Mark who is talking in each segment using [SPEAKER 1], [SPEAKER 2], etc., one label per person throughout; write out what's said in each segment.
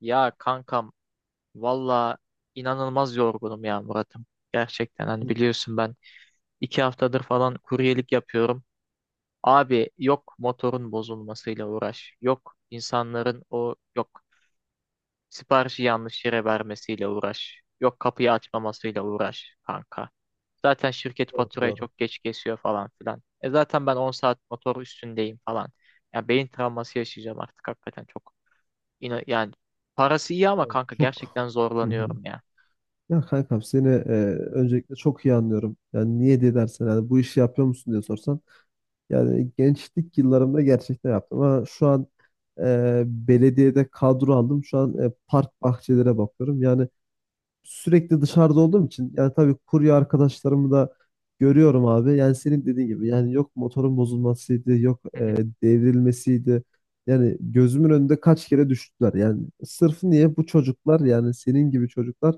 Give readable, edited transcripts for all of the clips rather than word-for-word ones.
[SPEAKER 1] Ya kankam valla inanılmaz yorgunum ya Murat'ım. Gerçekten hani biliyorsun ben 2 haftadır falan kuryelik yapıyorum. Abi yok motorun bozulmasıyla uğraş. Yok insanların o yok siparişi yanlış yere vermesiyle uğraş. Yok kapıyı açmamasıyla uğraş kanka. Zaten şirket
[SPEAKER 2] Doğru
[SPEAKER 1] faturayı
[SPEAKER 2] doğru.
[SPEAKER 1] çok geç kesiyor falan filan. Zaten ben 10 saat motor üstündeyim falan. Ya beyin travması yaşayacağım artık hakikaten çok. Yine yani parası iyi ama
[SPEAKER 2] Yani
[SPEAKER 1] kanka
[SPEAKER 2] çok.
[SPEAKER 1] gerçekten
[SPEAKER 2] Hı hı.
[SPEAKER 1] zorlanıyorum ya.
[SPEAKER 2] Ya kankam seni öncelikle çok iyi anlıyorum. Yani niye diye dersen yani bu işi yapıyor musun diye sorsan. Yani gençlik yıllarımda gerçekten yaptım ama şu an belediyede kadro aldım. Şu an park bahçelere bakıyorum. Yani sürekli dışarıda olduğum için yani tabii kurye arkadaşlarımı da görüyorum abi. Yani senin dediğin gibi yani yok motorun bozulmasıydı, yok devrilmesiydi. Yani gözümün önünde kaç kere düştüler. Yani sırf niye bu çocuklar yani senin gibi çocuklar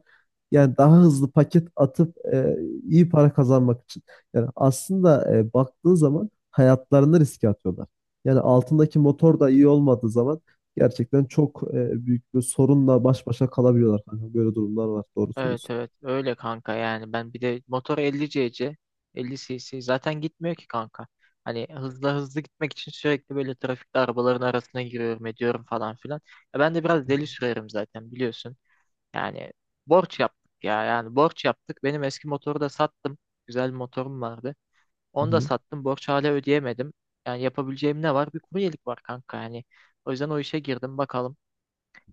[SPEAKER 2] yani daha hızlı paket atıp iyi para kazanmak için. Yani aslında baktığın zaman hayatlarını riske atıyorlar. Yani altındaki motor da iyi olmadığı zaman gerçekten çok büyük bir sorunla baş başa kalabiliyorlar kanka. Böyle durumlar var. Doğru
[SPEAKER 1] Evet
[SPEAKER 2] söylüyorsun.
[SPEAKER 1] evet öyle kanka yani ben bir de motor 50 cc 50 cc zaten gitmiyor ki kanka. Hani hızlı hızlı gitmek için sürekli böyle trafikte arabaların arasına giriyorum ediyorum falan filan. Ben de biraz deli sürerim zaten biliyorsun. Yani borç yaptık ya yani borç yaptık. Benim eski motoru da sattım. Güzel bir motorum vardı.
[SPEAKER 2] Hı
[SPEAKER 1] Onu da
[SPEAKER 2] hı.
[SPEAKER 1] sattım. Borç hala ödeyemedim. Yani yapabileceğim ne var? Bir kuryelik var kanka yani. O yüzden o işe girdim bakalım.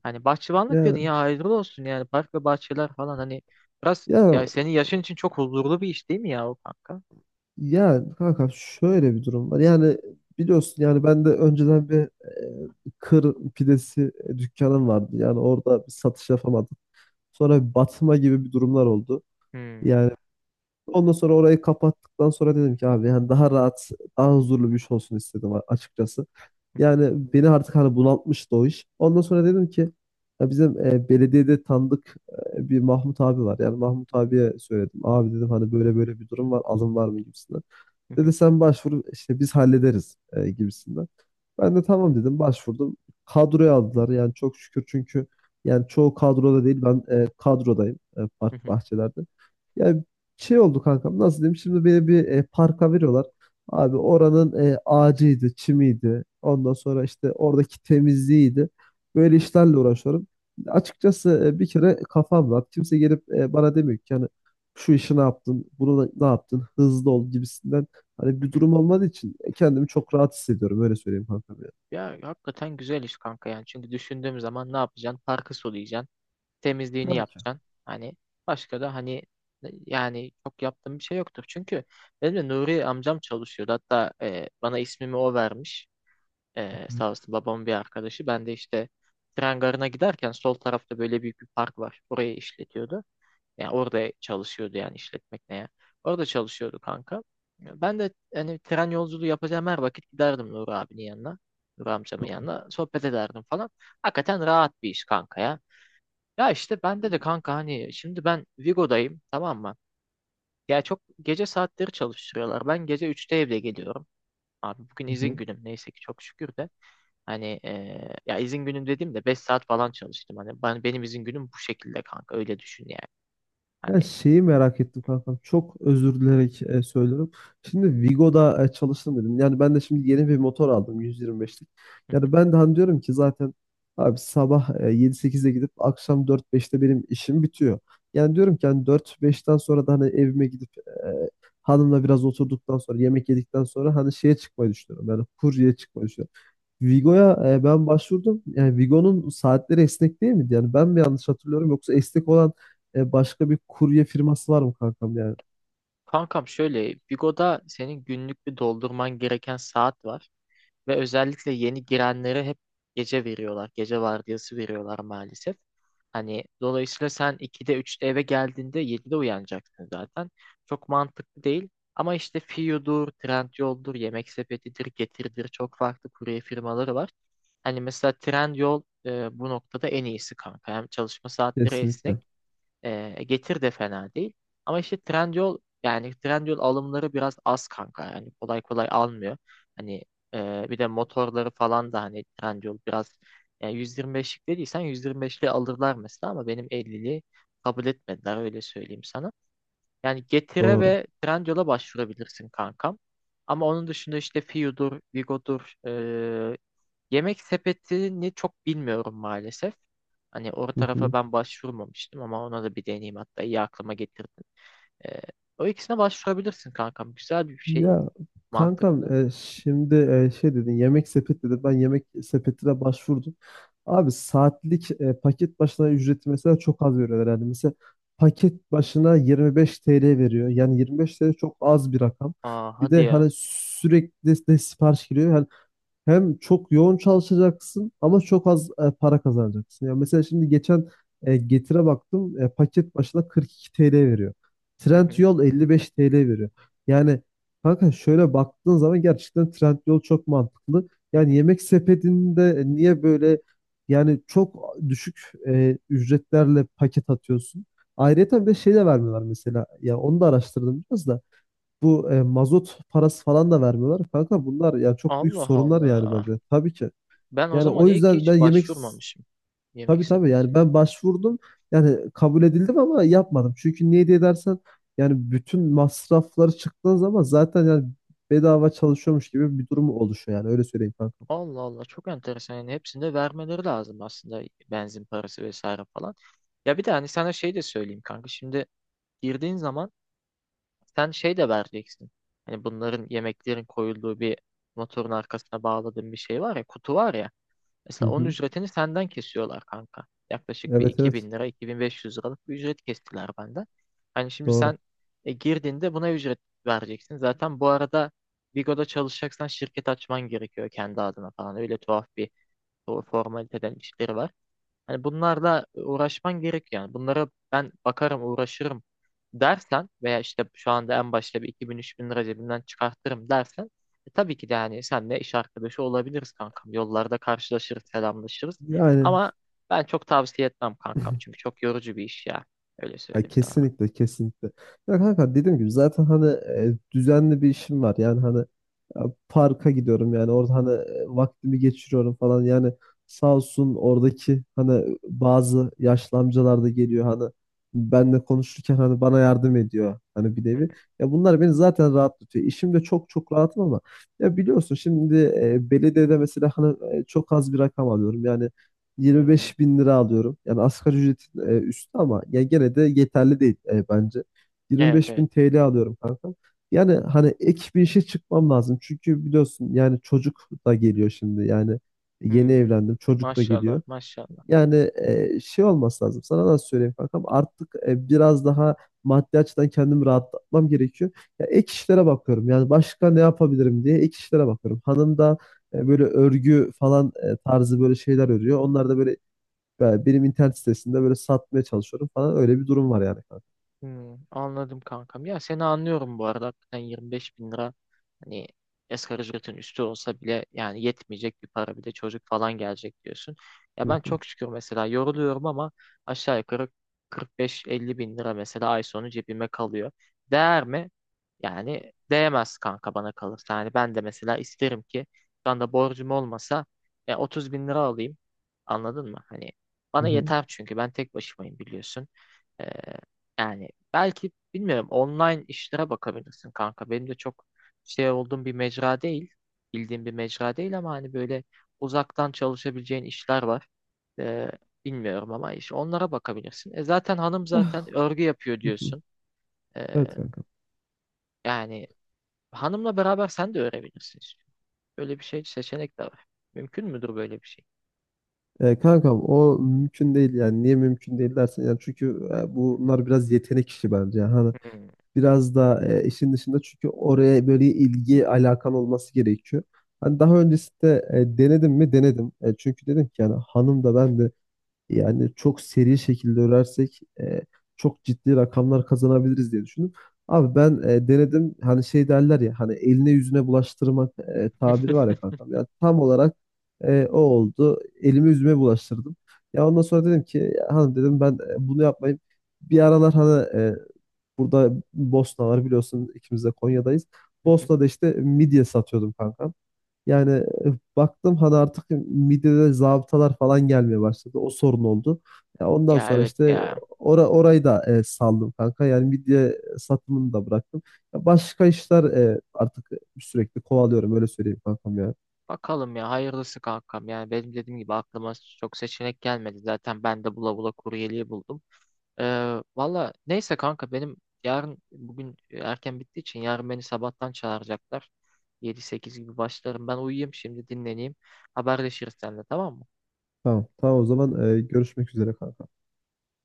[SPEAKER 1] Hani bahçıvanlık dedin
[SPEAKER 2] Yani
[SPEAKER 1] ya hayırlı olsun yani park ve bahçeler falan hani biraz
[SPEAKER 2] ya
[SPEAKER 1] ya senin yaşın için çok huzurlu bir iş değil mi ya o kanka?
[SPEAKER 2] ya kanka şöyle bir durum var. Yani biliyorsun yani ben de önceden bir kır pidesi dükkanım vardı. Yani orada bir satış yapamadım. Sonra bir batma gibi bir durumlar oldu.
[SPEAKER 1] Hmm.
[SPEAKER 2] Yani ondan sonra orayı kapattıktan sonra dedim ki abi yani daha rahat, daha huzurlu bir iş olsun istedim açıkçası. Yani beni artık hani bunaltmıştı o iş. Ondan sonra dedim ki ya bizim belediyede tanıdık bir Mahmut abi var. Yani Mahmut abiye söyledim. Abi dedim hani böyle böyle bir durum var, alım var mı gibisinden. Dedi sen başvur işte biz hallederiz gibisinden. Ben de tamam dedim başvurdum. Kadroya aldılar yani çok şükür çünkü yani çoğu kadroda değil ben kadrodayım park bahçelerde. Yani şey oldu kankam nasıl diyeyim şimdi beni bir parka veriyorlar. Abi oranın ağacıydı, çimiydi. Ondan sonra işte oradaki temizliğiydi. Böyle işlerle uğraşıyorum. Açıkçası bir kere kafam rahat. Kimse gelip bana demiyor ki yani şu işi ne yaptın, ne yaptın, hızlı ol gibisinden. Hani bir durum olmadığı için kendimi çok rahat hissediyorum. Öyle söyleyeyim kankam ya.
[SPEAKER 1] Ya hakikaten güzel iş kanka yani çünkü düşündüğüm zaman ne yapacaksın? Parkı sulayacaksın, temizliğini
[SPEAKER 2] Tabii ki.
[SPEAKER 1] yapacaksın. Hani başka da hani yani çok yaptığım bir şey yoktur. Çünkü benim de Nuri amcam çalışıyordu. Hatta bana ismimi o vermiş. Sağ olsun babamın bir arkadaşı. Ben de işte tren garına giderken sol tarafta böyle büyük bir park var. Orayı işletiyordu. Yani orada çalışıyordu yani işletmek ne ya. Orada çalışıyordu kanka. Ben de hani tren yolculuğu yapacağım her vakit giderdim Nur abinin yanına. Nur amcamın yanına. Sohbet ederdim falan. Hakikaten rahat bir iş kanka ya. Ya işte bende de kanka hani şimdi ben Vigo'dayım tamam mı? Ya çok gece saatleri çalıştırıyorlar. Ben gece 3'te evde geliyorum. Abi bugün
[SPEAKER 2] Hı
[SPEAKER 1] izin
[SPEAKER 2] hı.
[SPEAKER 1] günüm neyse ki çok şükür de. Hani ya izin günüm dediğimde 5 saat falan çalıştım. Hani benim izin günüm bu şekilde kanka öyle düşün yani.
[SPEAKER 2] Ya
[SPEAKER 1] Hani.
[SPEAKER 2] şeyi merak ettim kankam. Çok özür dileyerek söylüyorum. Şimdi Vigo'da çalıştım dedim. Yani ben de şimdi yeni bir motor aldım 125'lik. Yani ben de hani diyorum ki zaten abi sabah 7-8'de gidip akşam 4-5'te benim işim bitiyor. Yani diyorum ki hani 4-5'ten sonra da hani evime gidip hanımla biraz oturduktan sonra yemek yedikten sonra hani şeye çıkmayı düşünüyorum. Yani kurye çıkmayı düşünüyorum. Vigo'ya ben başvurdum. Yani Vigo'nun saatleri esnek değil miydi? Yani ben mi yanlış hatırlıyorum yoksa esnek olan başka bir kurye firması var mı kankam yani?
[SPEAKER 1] Kankam şöyle Bigo'da senin günlük bir doldurman gereken saat var. Ve özellikle yeni girenlere hep gece veriyorlar. Gece vardiyası veriyorlar maalesef. Hani dolayısıyla sen 2'de üçte eve geldiğinde 7'de uyanacaksın zaten. Çok mantıklı değil. Ama işte Fiyo'dur, Trendyol'dur, Yemek Sepeti'dir, Getir'dir çok farklı kurye firmaları var. Hani mesela Trendyol bu noktada en iyisi kanka. Hem çalışma saatleri esnek
[SPEAKER 2] Kesinlikle.
[SPEAKER 1] e, Getir de fena değil. Ama işte Trendyol yani Trendyol alımları biraz az kanka. Yani kolay kolay almıyor. Hani bir de motorları falan da hani Trendyol biraz yani 125'lik dediysen 125'li alırlar mesela ama benim 50'li kabul etmediler öyle söyleyeyim sana. Yani Getir'e
[SPEAKER 2] Doğru.
[SPEAKER 1] ve Trendyol'a başvurabilirsin kankam. Ama onun dışında işte Fiu'dur, Vigo'dur, Yemek sepetini çok bilmiyorum maalesef. Hani o
[SPEAKER 2] Hı
[SPEAKER 1] tarafa
[SPEAKER 2] hı.
[SPEAKER 1] ben başvurmamıştım ama ona da bir deneyeyim hatta iyi aklıma getirdin. Ee, o ikisine başvurabilirsin kankam. Güzel bir şey.
[SPEAKER 2] Ya
[SPEAKER 1] Mantıklı.
[SPEAKER 2] kankam şimdi şey dedin yemek sepeti dedin. Ben yemek sepetine başvurdum. Abi saatlik paket başına ücreti mesela çok az veriyorlar. Yani mesela paket başına 25 TL veriyor. Yani 25 TL çok az bir rakam.
[SPEAKER 1] Aa
[SPEAKER 2] Bir
[SPEAKER 1] hadi
[SPEAKER 2] de
[SPEAKER 1] ya.
[SPEAKER 2] hani sürekli de sipariş giriyor. Hem çok yoğun çalışacaksın ama çok az para kazanacaksın. Yani mesela şimdi geçen Getir'e baktım paket başına 42 TL veriyor.
[SPEAKER 1] Hı hı,
[SPEAKER 2] Trendyol 55 TL veriyor. Yani kanka şöyle baktığın zaman gerçekten Trendyol çok mantıklı.
[SPEAKER 1] hı
[SPEAKER 2] Yani
[SPEAKER 1] hı.
[SPEAKER 2] yemek sepetinde niye böyle yani çok düşük ücretlerle paket atıyorsun? Ayrıca bir de şey de vermiyorlar mesela. Ya onu da araştırdım biraz da. Bu mazot parası falan da vermiyorlar. Kanka bunlar ya çok büyük
[SPEAKER 1] Allah
[SPEAKER 2] sorunlar yani
[SPEAKER 1] Allah.
[SPEAKER 2] bence. Tabii ki.
[SPEAKER 1] Ben o
[SPEAKER 2] Yani
[SPEAKER 1] zaman
[SPEAKER 2] o
[SPEAKER 1] iyi ki
[SPEAKER 2] yüzden ben
[SPEAKER 1] hiç
[SPEAKER 2] yemek
[SPEAKER 1] başvurmamışım yemek
[SPEAKER 2] tabii tabii yani
[SPEAKER 1] sepetine.
[SPEAKER 2] ben başvurdum. Yani kabul edildim ama yapmadım. Çünkü niye diye dersen yani bütün masrafları çıktığın zaman zaten yani bedava çalışıyormuş gibi bir durum oluşuyor yani öyle söyleyeyim kanka.
[SPEAKER 1] Allah Allah çok enteresan. Yani hepsinde vermeleri lazım aslında benzin parası vesaire falan. Ya bir de hani sana şey de söyleyeyim kanka. Şimdi girdiğin zaman sen şey de vereceksin. Hani bunların yemeklerin koyulduğu bir motorun arkasına bağladığın bir şey var ya, kutu var ya.
[SPEAKER 2] Hı
[SPEAKER 1] Mesela onun
[SPEAKER 2] hı.
[SPEAKER 1] ücretini senden kesiyorlar kanka. Yaklaşık bir
[SPEAKER 2] Evet
[SPEAKER 1] iki
[SPEAKER 2] evet
[SPEAKER 1] bin lira, 2500 liralık bir ücret kestiler benden. Hani şimdi
[SPEAKER 2] doğru.
[SPEAKER 1] sen girdiğinde buna ücret vereceksin. Zaten bu arada Vigo'da çalışacaksan şirket açman gerekiyor kendi adına falan. Öyle tuhaf bir o formaliteden işleri var. Hani bunlarla uğraşman gerek yani. Bunlara ben bakarım, uğraşırım dersen veya işte şu anda en başta bir iki bin üç bin lira cebimden çıkartırım dersen tabii ki de hani senle iş arkadaşı olabiliriz kankam. Yollarda karşılaşırız, selamlaşırız.
[SPEAKER 2] Yani
[SPEAKER 1] Ama ben çok tavsiye etmem kankam. Çünkü çok yorucu bir iş ya. Öyle
[SPEAKER 2] ya
[SPEAKER 1] söyleyeyim sana.
[SPEAKER 2] kesinlikle kesinlikle. Ya kanka dediğim gibi zaten hani düzenli bir işim var. Yani hani e, parka gidiyorum yani orada hani vaktimi geçiriyorum falan. Yani sağ olsun oradaki hani bazı yaşlı amcalar da geliyor hani benle konuşurken hani bana yardım ediyor hani bir
[SPEAKER 1] Hı
[SPEAKER 2] nevi.
[SPEAKER 1] hı.
[SPEAKER 2] Ya bunlar beni zaten rahatlatıyor. İşimde çok çok rahatım ama ya biliyorsun şimdi belediyede mesela hani çok az bir rakam alıyorum. Yani
[SPEAKER 1] Hmm.
[SPEAKER 2] 25 bin lira alıyorum. Yani asgari ücretin üstü ama ya gene de yeterli değil bence.
[SPEAKER 1] Evet
[SPEAKER 2] 25
[SPEAKER 1] evet.
[SPEAKER 2] bin TL alıyorum kanka. Yani hani ek bir işe çıkmam lazım. Çünkü biliyorsun yani çocuk da geliyor şimdi. Yani yeni
[SPEAKER 1] Hmm.
[SPEAKER 2] evlendim çocuk da
[SPEAKER 1] Maşallah
[SPEAKER 2] geliyor.
[SPEAKER 1] maşallah.
[SPEAKER 2] Yani şey olması lazım. Sana nasıl söyleyeyim kankam? Artık biraz daha maddi açıdan kendimi rahatlatmam gerekiyor. Ya ek işlere bakıyorum. Yani başka ne yapabilirim diye ek işlere bakıyorum. Hanım da böyle örgü falan tarzı böyle şeyler örüyor. Onlar da böyle benim internet sitesinde böyle satmaya çalışıyorum falan. Öyle bir durum var yani kanka.
[SPEAKER 1] Hmm, anladım kankam. Ya seni anlıyorum bu arada. Hakikaten 25 bin lira hani asgari ücretin üstü olsa bile yani yetmeyecek bir para bir de çocuk falan gelecek diyorsun. Ya
[SPEAKER 2] Hı
[SPEAKER 1] ben
[SPEAKER 2] hı,
[SPEAKER 1] çok şükür mesela yoruluyorum ama aşağı yukarı 45-50 bin lira mesela ay sonu cebime kalıyor. Değer mi? Yani değmez kanka bana kalırsa. Yani ben de mesela isterim ki şu anda borcum olmasa 30 bin lira alayım. Anladın mı? Hani
[SPEAKER 2] hı
[SPEAKER 1] bana
[SPEAKER 2] hı,
[SPEAKER 1] yeter çünkü ben tek başımayım biliyorsun. Ee, yani belki bilmiyorum online işlere bakabilirsin kanka. Benim de çok şey olduğum bir mecra değil. Bildiğim bir mecra değil ama hani böyle uzaktan çalışabileceğin işler var. Ee, bilmiyorum ama iş onlara bakabilirsin. Zaten hanım zaten örgü yapıyor
[SPEAKER 2] hı hı.
[SPEAKER 1] diyorsun. Ee,
[SPEAKER 2] Evet kanka.
[SPEAKER 1] yani hanımla beraber sen de öğrenebilirsin işte. Böyle bir şey seçenek de var. Mümkün müdür böyle bir şey?
[SPEAKER 2] Kankam o mümkün değil yani niye mümkün değil dersen yani çünkü bunlar biraz yetenek işi bence yani hani
[SPEAKER 1] Hmm.
[SPEAKER 2] biraz da işin dışında çünkü oraya böyle ilgi alakan olması gerekiyor. Hani daha öncesinde denedim mi denedim. Çünkü dedim ki yani hanım da ben de yani çok seri şekilde örersek çok ciddi rakamlar kazanabiliriz diye düşündüm. Abi ben denedim hani şey derler ya hani eline yüzüne bulaştırmak tabiri var ya kankam. Yani tam olarak o oldu. Elimi yüzüme bulaştırdım. Ya ondan sonra dedim ki "Ya hanım dedim ben bunu yapmayayım. Bir aralar hani burada Bosna var biliyorsun ikimiz de Konya'dayız. Bosna'da işte midye satıyordum kankam. Yani baktım hani artık midede zabıtalar falan gelmeye başladı. O sorun oldu. Ya ondan
[SPEAKER 1] Ya
[SPEAKER 2] sonra
[SPEAKER 1] evet
[SPEAKER 2] işte
[SPEAKER 1] ya.
[SPEAKER 2] orayı da saldım kanka. Yani midye satımını da bıraktım. Ya başka işler artık sürekli kovalıyorum öyle söyleyeyim kankam ya.
[SPEAKER 1] Bakalım ya hayırlısı kankam. Yani benim dediğim gibi aklıma çok seçenek gelmedi. Zaten ben de bula bula kuryeliği buldum. Valla neyse kanka benim yarın bugün erken bittiği için yarın beni sabahtan çağıracaklar. Yedi sekiz gibi başlarım. Ben uyuyayım şimdi dinleneyim. Haberleşiriz seninle tamam mı?
[SPEAKER 2] Tamam, tamam o zaman görüşmek üzere kanka.